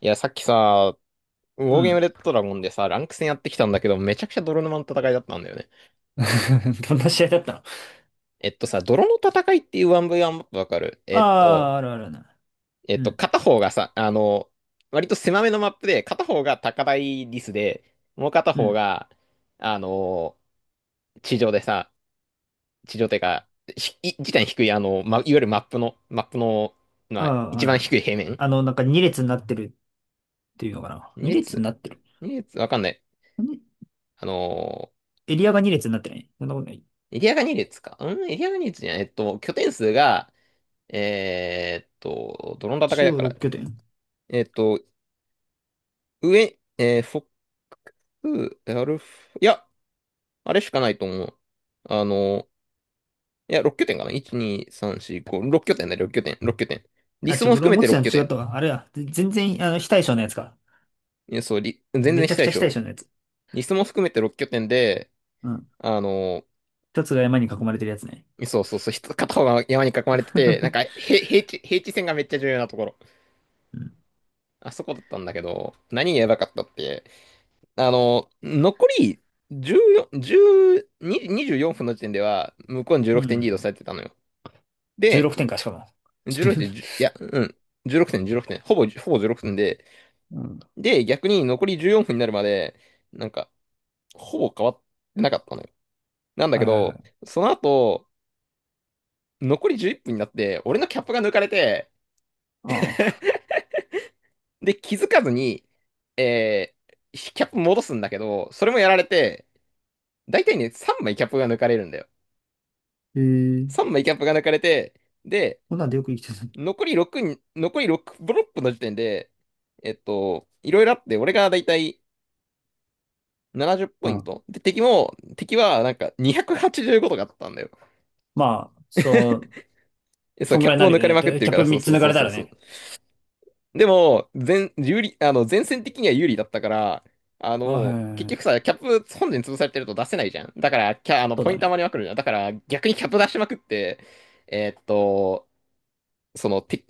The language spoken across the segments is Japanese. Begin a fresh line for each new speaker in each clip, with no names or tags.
いや、さっきさ、ウォ
う
ーゲーム
ん。
レッドドラゴンでさ、ランク戦やってきたんだけど、めちゃくちゃ泥沼の戦いだったんだよね。
どんな試合だったの？
えっとさ、泥の戦いっていう 1V1 マップわかる
ああ、あるあるな。うん、
片方がさ、割と狭めのマップで、片方が高台リスで、もう片
う
方
ん。
が、あの、地上でさ、地上っていうか、地点低い、いわゆるマップの、マップの、
あ
まあ、
あ、あ
一
る
番
あ
低
る。
い平面。
あの、なんか2列になってるっていうのかな。
二
2列に
列、
なってる。
わかんない。
に
あの、
エリアが2列になってない？そんなことない。
エリアが2列かエリアが2列じゃない。えっと、拠点数が、どの戦い
中
だ
央
から。
6拠点。
えーっと、上、えー、フォック、アルフ、いや、あれしかないと思う。あの、6拠点かな？ 1、2、3、4、5、6拠点だよ、6拠点。リ
あ、
ス
違う、
も
俺
含め
思っ
て
て
6
たの
拠
違っ
点。
たわ。あれや、全然、あの、非対称のやつか。
全
め
然
ち
し
ゃく
たで
ちゃ
し
非
ょ。
対称のやつ。
リスも含めて6拠点で、
うん。
あの、
一つが山に囲まれてるやつね。
片方が山に囲まれてて、平地、平地線がめっちゃ重要なところ。
うん。
あそこだったんだけど、何がやばかったって、残り14、10、24分の時点では、向こうに
う
16点リー
ん。
ドされてたのよ。
16
で、
点か、しかも。
16点、1いや、うん、16点、16点、ほぼ16点で、
うん。
で、逆に残り14分になるまで、なんか、ほぼ変わってなかったのよ。なんだ
は
け
いはいは
ど、
い。
その後、残り11分になって、俺のキャップが抜かれて、
ああ。
で、気づかずに、えキャップ戻すんだけど、それもやられて、大体ね、3枚キャップが抜かれるんだよ。
へえ。
3枚キャップが抜かれて、で、
こんなんでよく生きてる。
残り6に、残り6ブロックの時点で、えっと、いろいろあって、俺がだいたい70ポ
う
イン
ん。
ト。で、敵はなんか285とかあったんだよ。
まあ、そう、
え、そう、
そん
キ
ぐ
ャッ
らいに
プ
な
を
る
抜
よ
かれ
ね。
まくっ
で
てる
キャ
か
ッ
ら、
プ
そう
3つ
そう
抜
そ
か
う
れた
そう
ら
そう。
ね。
でも、有利、前線的には有利だったから、
あ、
結
へ
局
え。
さ、キャップ本陣潰されてると出せないじゃん。だから、キャ、あの、
そう
ポイ
だ
ント
ね。
余りまくるじゃん。だから、逆にキャップ出しまくって、えっと、その、て、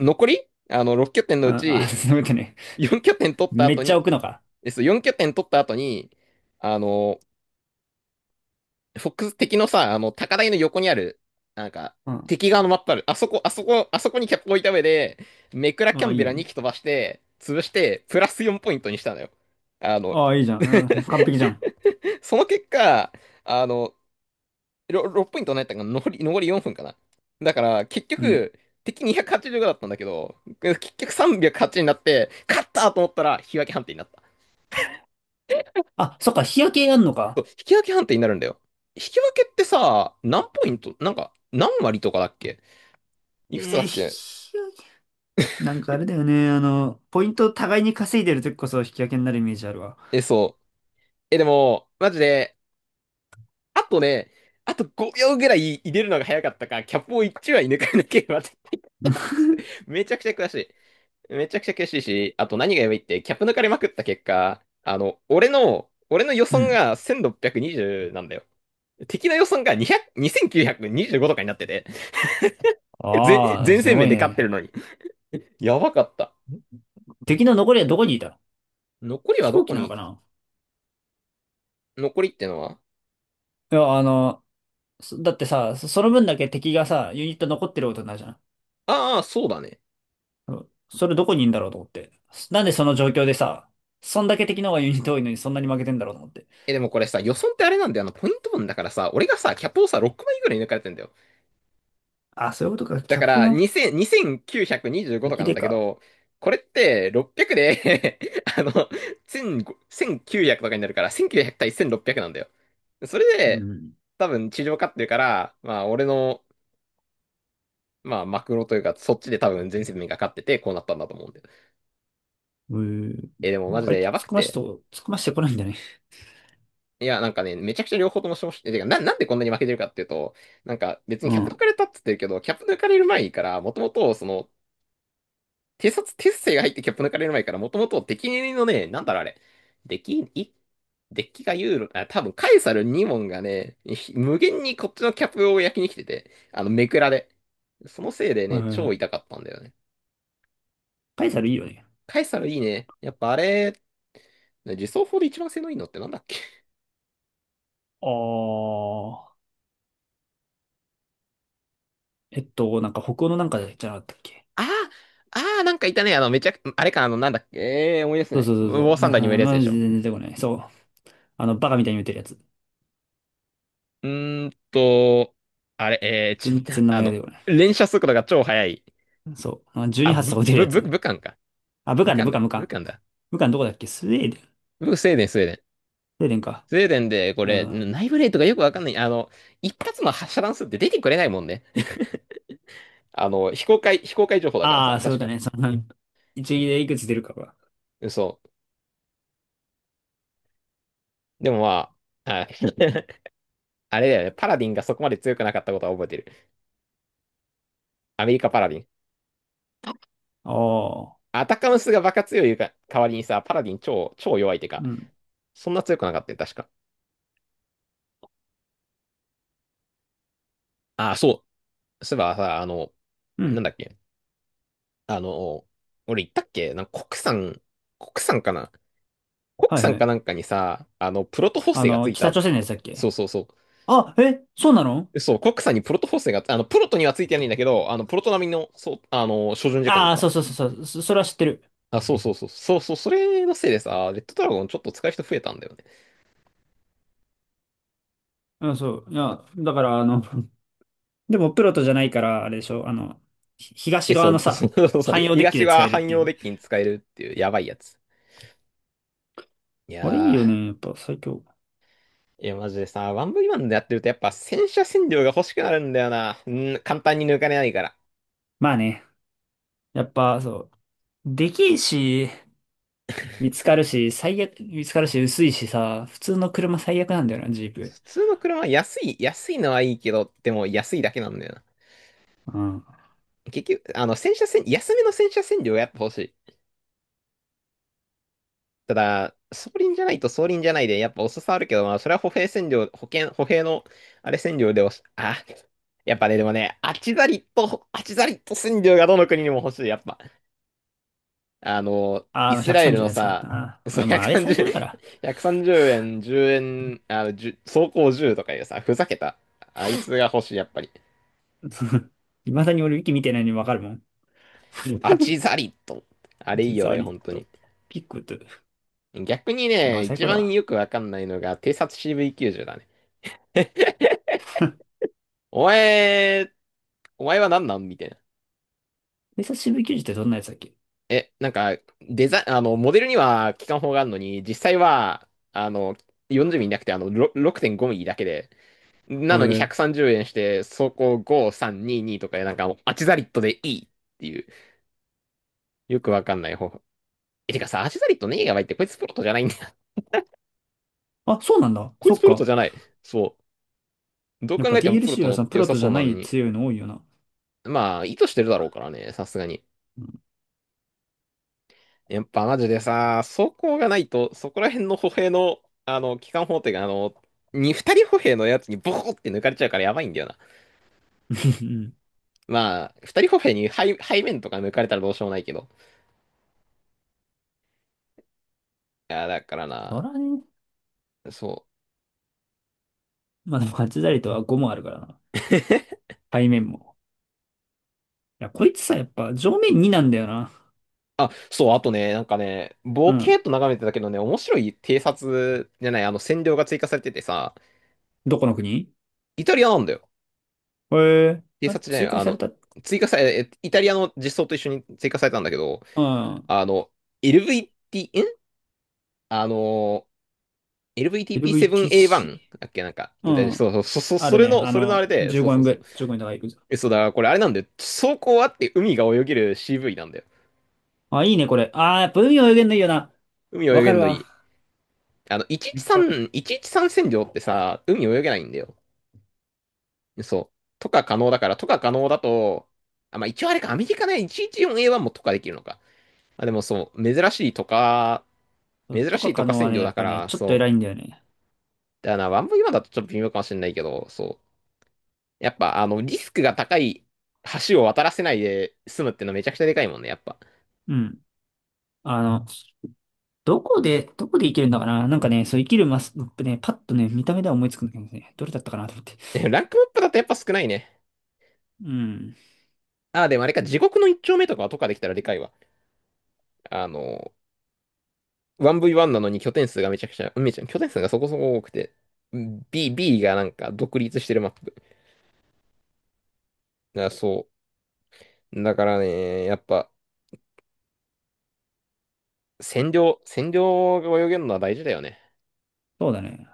残り6拠点のう
あ、あ、
ち、
そういうことね。
4拠点取った
め
後
っちゃ
に、
置くのか。
で、そう、4拠点取った後に、あの、フォックス敵のさ、高台の横にある、なんか、
うん。
敵側のマップある。あそこ、あそこ、あそこにキャップ置いた上で、メクラキャ
あ、
ン
い
ベ
い
ラ2
ね。
機飛ばして、潰して、プラス4ポイントにしたのよ。あの、
あ、いいじゃん。うん、完璧じゃん。
その結果、あの、6ポイントになったかな、残り4分かな。だから、結
うん。
局、敵285だったんだけど、結局380になって、勝ったと思ったら、引き分け判定になった。
あ、そっか、日焼けやんの
そ
か。
う引き分け判定になるんだよ。引き分けってさ、何ポイントなんか、何割とかだっけ？いくつ
え
だ
ー、
っけ？
日焼け。なんかあれだよね。あの、ポイントを互いに稼いでる時こそ日焼けになるイメージあるわ。
え、そう。え、でも、マジで、あとね、あと5秒ぐらい入れるのが早かったか、キャップを1枚抜かなければ絶対勝てたっつって、めちゃくちゃ悔しい。めちゃくちゃ悔しいし、あと何がやばいって、キャップ抜かれまくった結果、俺の予
う
算
ん。
が1,620なんだよ。敵の予算が200、2,925とかになってて、
ああ、
全
す
戦
ご
面
い
で勝ってる
ね。
のに。やばかった。
敵の残りはどこにいたの？
残り
飛
はど
行
こ
機なの
に？
かな？
残りってのは？
いや、あの、そだってさ、そその分だけ敵がさ、ユニット残ってることになるじゃん。
ああ、そうだね。
それどこにいんだろうと思って。なんでその状況でさ、そんだけ敵の方がユニット多いのにそんなに負けてんだろうと思って。
え、でもこれさ、予算ってあれなんだよ。ポイント分だからさ、俺がさ、キャップをさ、6枚ぐらい抜かれてんだよ。
あ、そういうことか。
だか
客
ら、
の
2000、2,925
向
とか
き
なん
で
だけ
か。
ど、これって600で あの、1500 1900とかになるから、1900対1600なんだよ。それ
う
で、
ん。
多分地上勝ってるから、まあ、マクロというか、そっちで多分全世界が勝ってて、こうなったんだと思うんだよ。
うん。
え、でも
なん
マ
か
ジ
相
で
手突
やば
っ
く
込まして
て。
と、突っ込ましてこないんだね。
めちゃくちゃ両方とも消費、てか、な、なんでこんなに負けてるかっていうと、なんか別に
う
キャップ抜
ん。
かれたって言ってるけど、キャップ抜かれる前から、もともと、偵察、鉄星が入ってキャップ抜かれる前から、もともと敵のね、なんだろうあれ、デッキ、い、デッキがユーロ、あ、多分カエサル2問がね、無限にこっちのキャップを焼きに来てて、めくらで。そのせいで
う
ね、超
ん。
痛かったんだよね。
パイサルいいよね。
カエサルいいね。やっぱあれ、ね自走砲で一番性能いいのってなんだっけ？
あー。なんか北欧のなんかじゃなかったっけ？
あああ、なんかいたね。あの、めちゃく、あれか、あの、なんだっけ、ええー思い出せ
そ
な
う
い。
そう
ウ
そう
ォー
そう。
サ
な、
ンダーにもいるやつ
ま
で
あ、
し
全
ょ。
然出てこない。そう。あの、バカみたいに打てるやつ。
うーんと、あれ、ええちょっ
全
と、
然 名前が出てこない。
連射速度が超速い。
そう。あ、
あ、
12発
ぶ、
とか打てる
ぶ、
や
ぶ、
つ。
武漢か。
あ、武
武
漢だ、
漢
武漢、
だ、
武
武
漢。
漢だ。
武漢どこだっけ？スウェーデン。ス
ぶ、スウェーデン、スウェーデン。
ウェーデンか。
スウェーデンで、こ
あそう
れ、
ん。
内部レートがよくわかんない。一発の発射弾数って出てくれないもんね。あの、非公開情報だから
あ
さ、
あ、そうい
確
うこと
か。
ね。その、一撃でいくつ出るかが。
嘘。でもまあ、あ あれだよね。パラディンがそこまで強くなかったことは覚えてる。アメリカパラディン。
ああ、
アタカムスがバカ強い代わりにさ、パラディン超、超弱いってか、
うん。
そんな強くなかったよ、確か。ああ、そう。そういえばさ、
う
なん
ん。
だっけ。あの、俺言ったっけ？なんか国産、国産かな？国
はい
産
は
か
い。
なんかにさ、プロト補
あ
正がつ
の、
い
北
たっ
朝鮮のやつ
て。
だっ
そう
け？
そうそ
あ、え、そうなの？
う。そう、国産にプロト補正が、プロトにはついてないんだけど、プロト並みの、そう、照準時間に
ああ、
なっ
そうそうそうそう。それは知ってる。
た。あ、そうそうそう。そうそう、それのせいでさ、レッドドラゴンちょっと使う人増えたんだよね。
うん、そう。いや、だから、あの、でもプロトじゃないから、あれでしょ、あの、東
え、そ
側の
う、そ
さ、
うそうそう。
汎用デッキ
東
で使
は
えるっ
汎
てい
用
う。
デッキに使えるっていう、やばいやつ。い
あれいい
や
よね。やっぱ最強。
マジでさ、ワンブイワンでやってるとやっぱ洗車洗量が欲しくなるんだよな。うん、簡単に抜かれないから。
まあね。やっぱ、そう。できるし、見つかるし、最悪、見つかるし、薄いしさ、普通の車最悪なんだよな、ジープ。
普通の車は安い、安いのはいいけど、でも安いだけなんだよな。
うん。
結局、あの、洗車洗、安めの洗車洗量がやっぱ欲しい。ただ、装輪じゃないで、やっぱ遅さあるけど、それは歩兵洗量、保険、歩兵の、あれ洗量でおし、あ、やっぱね、でもね、あちざりと洗量がどの国にも欲しい、やっぱ。
あ
イ
の、
スラエル
130
の
のやつがあった
さ、
な。
その
あ、まあ、あれ最
130、
強だから。
1 3円、10円、10走行じゅうとかいうさ、ふざけた。あいつが欲しい、やっぱり。
いまだに俺、ウィキ見てないのにわかるもん。
ア チザリット。あれいいよ
実は
ね、
リッ
本当に。
ト。ピックと。
逆に
やば
ね、
い、最
一
高だ
番
わ。
よくわかんないのが、偵察 CV90 だね。お前、お前は何なんみたいな。
偵察支部球児ってどんなやつだっけ？
え、なんか、デザイン、あの、モデルには機関砲があるのに、実際は、40ミリなくて、6.5ミリだけで、な
へ
のに
え。
130円して、走行5,322とかでなんかもうアチザリットでいいっていう、よくわかんない方法。え、てかさ、アチザリットねえやばいって、こいつプロトじゃないんだよ。
あ、そうなんだ。
こい
そ
つ
っ
プロト
か。
じゃない。そう。どう
やっ
考
ぱ
えてもプロ
DLC
ト
は
乗っ
そのプ
て良
ロ
さ
とじ
そ
ゃ
う
な
なの
い
に。
強いの多いよな。
まあ、意図してるだろうからね、さすがに。
うん。
やっぱマジでさ、走行がないと、そこら辺の歩兵の、機関砲手が、二人歩兵のやつにボコって抜かれちゃうからやばいんだよな。
うん、
まあ、二人歩兵に背、背面とか抜かれたらどうしようもないけど。いや、だから
そ
な、
らね。
そう。
まあでもハチザリとは5もあるからな。背面も。いや、こいつさ、やっぱ上面2なんだよな。
あ、そう、あとね、なんかね、
う
ボケー
ん。
っと眺めてたけどね、面白い偵察じゃない、占領が追加されててさ、
どこの国？
イタリアなんだよ。
へえ。
偵
あ、
察じゃない、
追加
あ
され
の、
た。
追加され、えイタリアの実装と一緒に追加されたんだけど、
うん。
あの、LVT、んあの、LVTP7A1 だっけ？なんか、
LVTC。う
イタリア、
ん。あ
そ
る
れ
ね。
の、
あ
それのあ
の、
れで、
15
そうそ
円
う
ぐ
そ
ら
う。
い、15円とかいくぞ。
え、そうだから、これあれなんだよ。走行あって海が泳げる CV なんだよ。
あ、いいね、これ。あー、分泳げ限のいいよな。
海
わ
泳げ
かる
んのい
わ。
い。あの、
めっちゃわ
113、
かる。
113占領ってさ、海泳げないんだよ。そう。とか可能だと、あ、まあ一応あれか、アメリカね、114A1 もとかできるのか。まあでもそう、珍
と
し
か
い
可
とか
能は
占
ね、
領
や
だ
っ
か
ぱね、
ら、
ちょっと
そ
偉い
う。
んだよね。
だからな、ワンブイワンだとちょっと微妙かもしれないけど、そう。やっぱ、リスクが高い橋を渡らせないで済むってのはめちゃくちゃでかいもんね、やっぱ。
うん。あの、どこで生きるんだかな、なんかね、そう生きるマス、ね、パッとね、見た目では思いつくんだけどね、どれだったかなと思って。
ねランクマップだとやっぱ少ないね。
うん。
あ、でもあれか、地獄の一丁目とかはとかできたらでかいわ。あの、1V1 なのに拠点数がめちゃくちゃ、めちゃ、拠点数がそこそこ多くて、B がなんか独立してるマップ。いや、そう。だからね、やっぱ、占領が泳げるのは大事だよね。
そうだね。